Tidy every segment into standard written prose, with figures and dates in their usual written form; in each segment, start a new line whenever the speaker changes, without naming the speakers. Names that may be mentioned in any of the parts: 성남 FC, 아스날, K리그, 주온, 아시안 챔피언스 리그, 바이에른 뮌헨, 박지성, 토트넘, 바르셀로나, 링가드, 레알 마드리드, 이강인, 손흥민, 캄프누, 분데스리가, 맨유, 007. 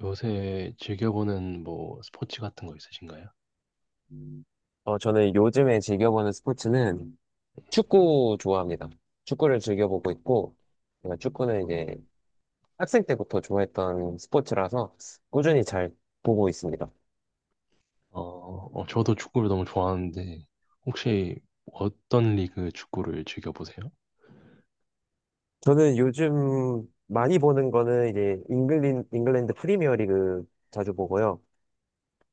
요새 즐겨보는 뭐 스포츠 같은 거 있으신가요?
음. 저는 요즘에 즐겨보는 스포츠는 축구 좋아합니다. 축구를 즐겨보고 있고, 제가 축구는 이제 학생 때부터 좋아했던 스포츠라서 꾸준히 잘 보고 있습니다.
어, 어, 저도 축구를 너무 좋아하는데 혹시 어떤 리그 축구를 즐겨보세요?
저는 요즘 많이 보는 거는 이제 잉글랜드 프리미어 리그 자주 보고요.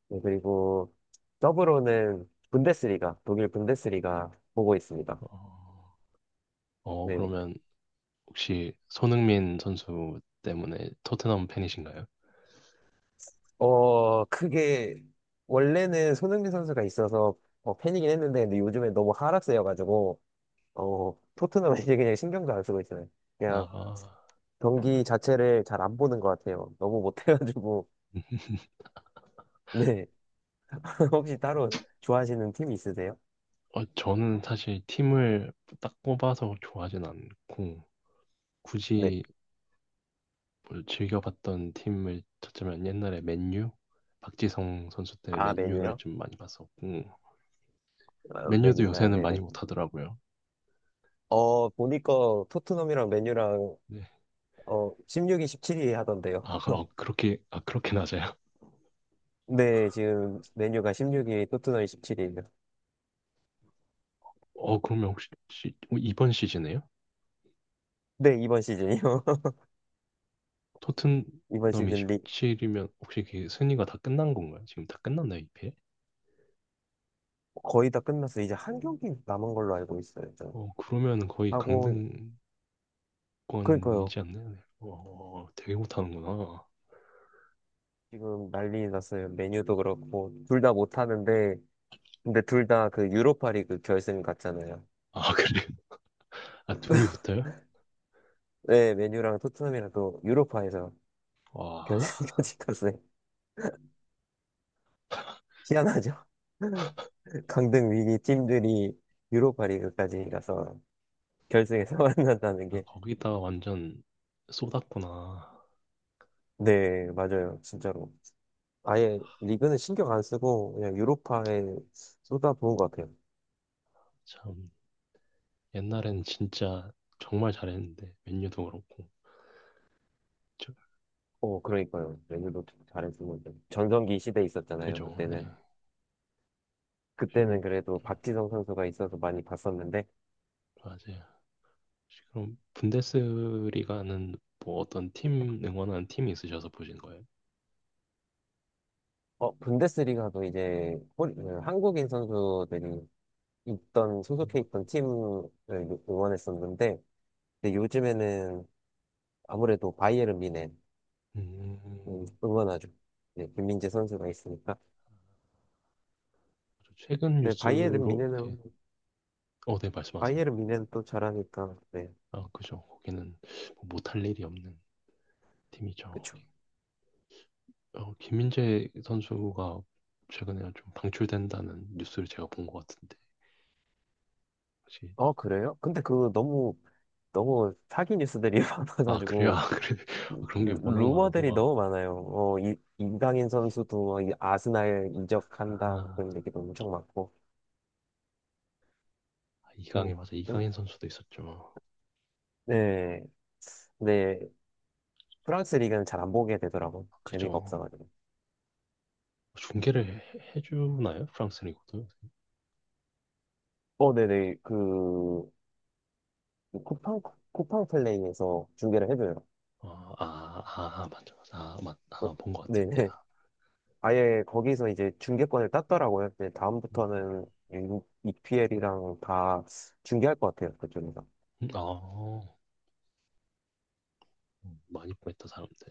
네, 그리고 더불어는 분데스리가, 독일 분데스리가 보고 있습니다.
어, 어,
네,
그러면 혹시 손흥민 선수 때문에 토트넘 팬이신가요?
그게 원래는 손흥민 선수가 있어서 팬이긴 했는데 근데 요즘에 너무 하락세여가지고 토트넘 이제 그냥 신경도 안 쓰고 있어요. 그냥
나,
경기 자체를 잘 안 보는 것 같아요. 너무 못해가지고 네. 혹시 따로 좋아하시는 팀 있으세요?
어, 저는 사실 팀을 딱 뽑아서 좋아하진 않고
네.
굳이 뭐 즐겨봤던 팀을 찾자면 옛날에 맨유? 박지성 선수 때
아,
맨유를
메뉴요?
좀 많이 봤었고.
아,
맨유도
메뉴. 아,
요새는
네네.
많이 못하더라고요.
보니까 토트넘이랑 메뉴랑
네.
16위, 17위 하던데요.
아, 어, 아, 그렇게 낮아요?
네, 지금 메뉴가 16위, 토트넘이 17위예요.
어, 그러면 혹시, 어, 이번 시즌에요?
네, 이번 시즌이요. 이번
토트넘이
시즌 리,
17이면 혹시 그 순위가 다 끝난 건가요? 지금 다 끝났나요, 이 패?
거의 다 끝났어요. 이제 한 경기 남은 걸로 알고 있어요.
어, 그러면 거의
하고
강등권이지
그러니까요.
않나요? 네. 어, 되게 못하는구나.
지금 난리 났어요. 메뉴도 그렇고 둘 다 못하는데 근데 둘 다 그 유로파리그 결승 갔잖아요.
아, 그래요? 아, 둘이 붙어요?
네, 메뉴랑 토트넘이랑 또 유로파에서
와,
결승까지 갔어요. 희한하죠? 강등 위기 팀들이 유로파리그까지 가서 결승에서 만난다는
아,
게.
거기다가 완전 쏟았구나.
네, 맞아요. 진짜로. 아예 리그는 신경 안 쓰고 그냥 유로파에 쏟아부은 것 같아요.
참, 옛날엔 진짜 정말 잘했는데, 맨유도 그렇고. 저-
오, 그러니까요. 레드도 잘했으면 전성기 시대에 있었잖아요.
그죠, 네.
그때는
지금
그때는 그래도 박지성 선수가 있어서 많이 봤었는데
맞아요. 그럼 분데스리가는 뭐 어떤 팀 응원하는 팀이 있으셔서 보신 거예요?
분데스리가도 이제 한국인 선수들이 있던 소속해 있던 팀을 응원했었는데 근데 요즘에는 아무래도 바이에른 뮌헨
음,
응원하죠. 네, 김민재 선수가 있으니까.
저 최근
네,
뉴스로, 네. 어, 네, 말씀하세요.
바이에른 뮌헨 또 잘하니까 네,
아, 그죠. 거기는 뭐 못할 일이 없는 팀이죠.
그렇죠.
거기. 어, 김민재 선수가 최근에 좀 방출된다는 뉴스를 제가 본 것 같은데 혹시.
그래요? 근데 그 너무 너무 사기 뉴스들이
아, 그래요?
많아가지고.
아, 그래. 그런 게 워낙 많아서.
루머들이 너무 많아요. 이강인 선수도 이 아스날 이적한다
아,
그런 얘기도 엄청 많고.
아,
음,
이강인 맞아, 이강인
음,
선수도 있었죠.
네, 네. 프랑스 리그는 잘 안 보게 되더라고. 재미가
그죠.
없어가지고.
중계를 해주나요? 프랑스 리그도?
네네 그 쿠팡 쿠팡 플레이에서 중계를 해줘요.
아, 아, 아, 맞죠. 아,
어,
아, 본 것 같아요,
네네.
내가.
아예 거기서 이제 중계권을 땄더라고요. 이제
음,
다음부터는 EPL이랑 다 중계할 것 같아요. 그쪽에서.
아, 많이 보냈다, 사람들.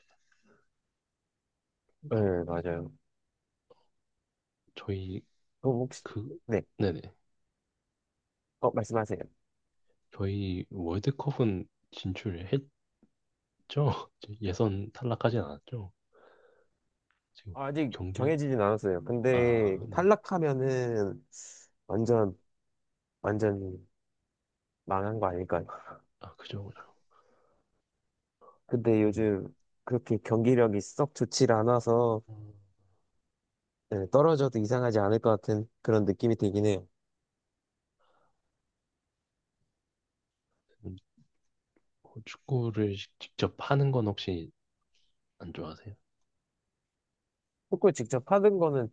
네,
어,
맞아요.
저희,
그럼 혹시.
그,
네,
네네.
말씀하세요.
저희 월드컵은 진출을 했죠? 이제 예선 탈락하진 않았죠? 지금
아직
경기를,
정해지진 않았어요. 근데
아, 네.
탈락하면은 완전 완전 망한 거 아닐까요?
아, 그죠, 그죠.
근데
음,
요즘 그렇게 경기력이 썩 좋질 않아서
아,
네, 떨어져도 이상하지 않을 것 같은 그런 느낌이 들긴 해요.
음, 뭐 축구를 직접 하는 건 혹시 안 좋아하세요?
축구 직접 하는 거는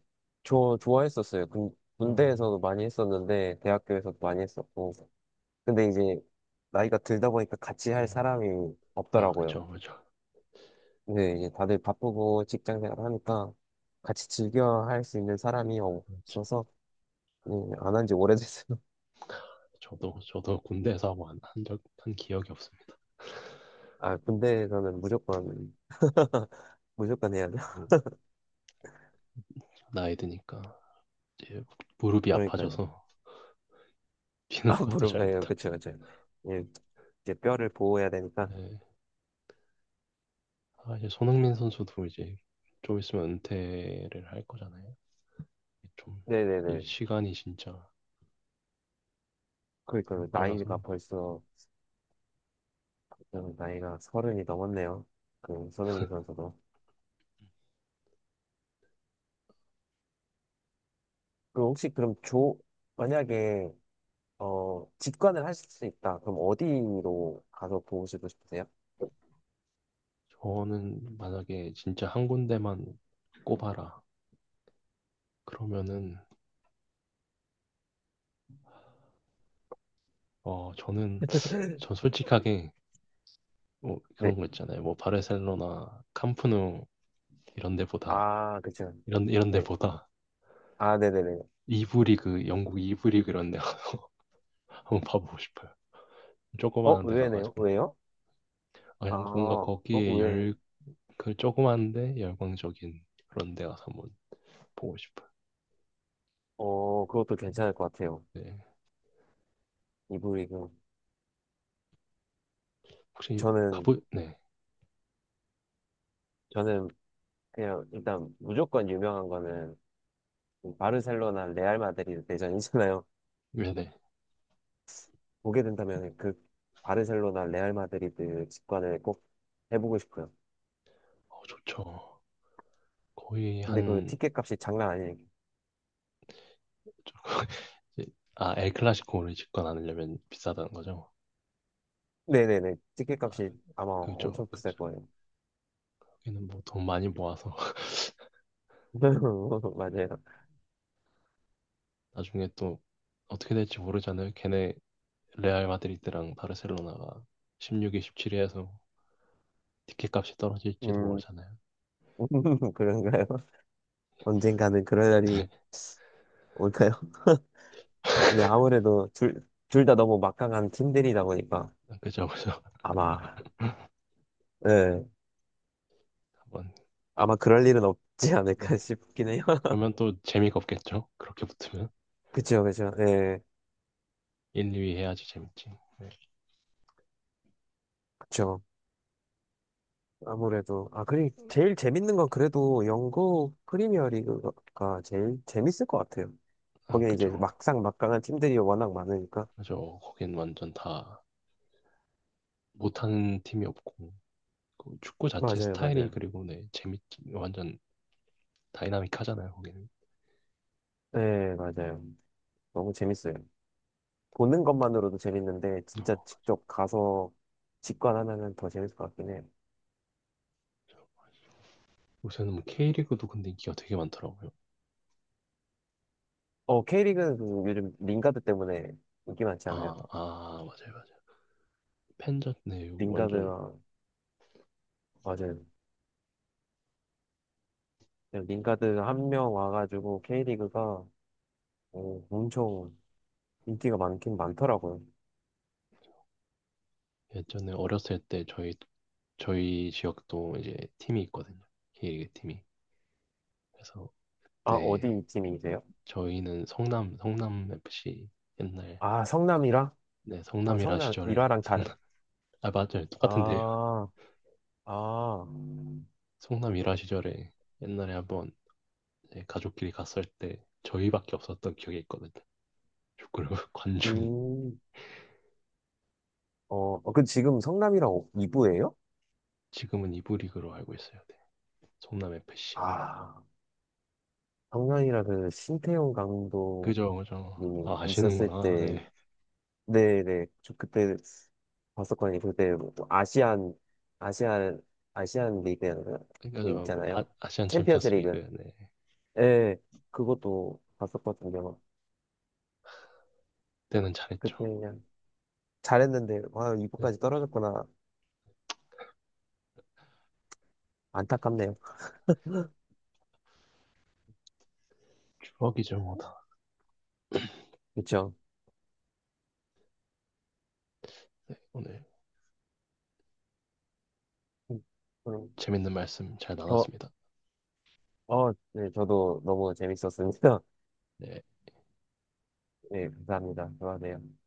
네.
좋아했었어요.
음,
군대에서도 많이 했었는데 대학교에서도 많이 했었고. 근데 이제 나이가 들다 보니까 같이 할
음,
사람이
아,
없더라고요.
그죠, 그죠.
근데 이제 다들 바쁘고 직장 생활 하니까 같이 즐겨 할 수 있는 사람이 없어서 네, 안한 지 오래됐어요.
저도 군대에서 뭐한 한적 한 기억이 없습니다.
아, 군대에서는 무조건 무조건 해야 돼.
뭐, 나이 드니까 이제 무릎이
그러니까요.
아파져서 뛰는
아,
것도
무릎,
잘
예, 그쵸,
못하겠어요.
그쵸. 예, 이제 뼈를 보호해야 되니까.
네. 아, 이제 손흥민 선수도 이제 좀 있으면 은퇴를 할 거잖아요. 좀이
네네네.
시간이 진짜 너무
그러니까
빨라서.
나이가 서른이 넘었네요. 그 손흥민 선수도. 그럼 혹시 그럼 조 만약에 직관을 하실 수 있다. 그럼 어디로 가서 보시고 싶으세요?
저는 만약에 진짜 한 군데만 꼽아라 그러면은, 어, 저는 전 솔직하게, 뭐
네.
그런 거 있잖아요. 뭐 바르셀로나, 캄프누 이런 데보다
아, 그쵸.
이런
네.
데보다
아, 네네네.
이부 리그, 영국 이부 리그 이런 데 한번 봐보고 싶어요. 조그마한 데
의외네요.
가가지고.
왜요?
아,
아,
그냥 뭔가 거기에
의외.
그 조그만데 열광적인 그런 데 가서 한번 보고 싶어요.
그것도
음,
괜찮을 것 같아요.
네.
이브리그.
혹시
저는,
네.
저는 그냥 일단 무조건 유명한 거는 바르셀로나, 레알 마드리드 대전이잖아요.
네네.
보게 된다면 그 바르셀로나, 레알 마드리드 직관을 꼭 해보고 싶어요.
어, 좋죠. 거의
근데 그
한.
티켓 값이 장난 아니에요.
아, 엘클라시코를 집권하려면 비싸다는 거죠.
네네네. 티켓
아,
값이 아마
그죠,
엄청 비쌀
그죠.
거예요.
여기는 뭐 돈 많이 모아서
맞아요.
나중에 또 어떻게 될지 모르잖아요. 걔네 레알 마드리드랑 바르셀로나가 16위, 17위 해서 티켓값이 떨어질지도
음,
모르잖아요.
그런가요? 언젠가는 그럴
네.
날이 올까요? 근데 아무래도 둘 다 너무 막강한 팀들이다 보니까
그죠, 그죠.
아마, 예,
한번.
아마 그럴 일은 없지
네.
않을까 싶긴 해요.
그러면 또 재미가 없겠죠? 그렇게 붙으면.
그쵸, 그쵸, 예,
1, 2위 해야지 재밌지. 네.
그쵸. 아무래도, 제일 재밌는 건 그래도 영국 프리미어 리그가 제일 재밌을 것 같아요.
아,
거기에 이제
그죠.
막상 막강한 팀들이 워낙 많으니까.
그죠. 거긴 완전 다 못하는 팀이 없고. 그 축구 자체
맞아요,
스타일이,
맞아요.
그리고 네, 재밌지. 완전 다이나믹하잖아요, 거기는.
예, 맞아요. 너무 재밌어요. 보는 것만으로도 재밌는데 진짜
어,
직접 가서 직관하면은 더 재밌을 것 같긴 해.
요새는 뭐 K리그도 근데 인기가 되게 많더라고요.
K리그는 그 요즘 링가드 때문에 인기 많지
아,
않아요?
아, 맞아요, 맞아요. 팬전, 네, 여기 완전.
링가드랑 맞아요. 그냥 링가드 한 명 와가지고 K리그가 엄청 인기가 많긴 많더라고요.
예전에 어렸을 때 저희 지역도 이제 팀이 있거든요. K리그 팀이. 그래서,
아,
네,
어디 팀이세요?
저희는 성남 FC. 옛날,
아, 성남이랑?
네,
아,
성남 일화
성남
시절에
일화랑 다른.
성남. 아, 맞아요, 똑같은데요.
아, 아,
성남 일화 시절에 옛날에 한번 이제 가족끼리 갔을 때 저희밖에 없었던 기억이 있거든요. 축구를 관중이.
음, 어, 그 지금 성남이랑 2부예요?
지금은 이부 리그로 알고 있어요. 네. 성남 FC.
아. 작년이라 그 신태용 감독이
그죠, 그죠. 아,
있었을
아시는구나.
때,
네.
네네, 저 그때 봤었거든요. 그때 뭐 아시안, 아시안 리그
그러니까 저, 아,
있잖아요.
아시안
챔피언스
챔피언스 리그.
리그.
네.
예, 그것도 봤었거든요.
때는 잘했죠.
그때 그냥 잘했는데, 와, 이부
네,
까지 떨어졌구나. 안타깝네요.
추억이죠 뭐다.
그쵸?
네, 오늘
죠 그럼
재밌는 말씀 잘
더,
나눴습니다.
네, 저도 너무 재밌었습니다.
네.
네, 감사합니다. 좋아하네요.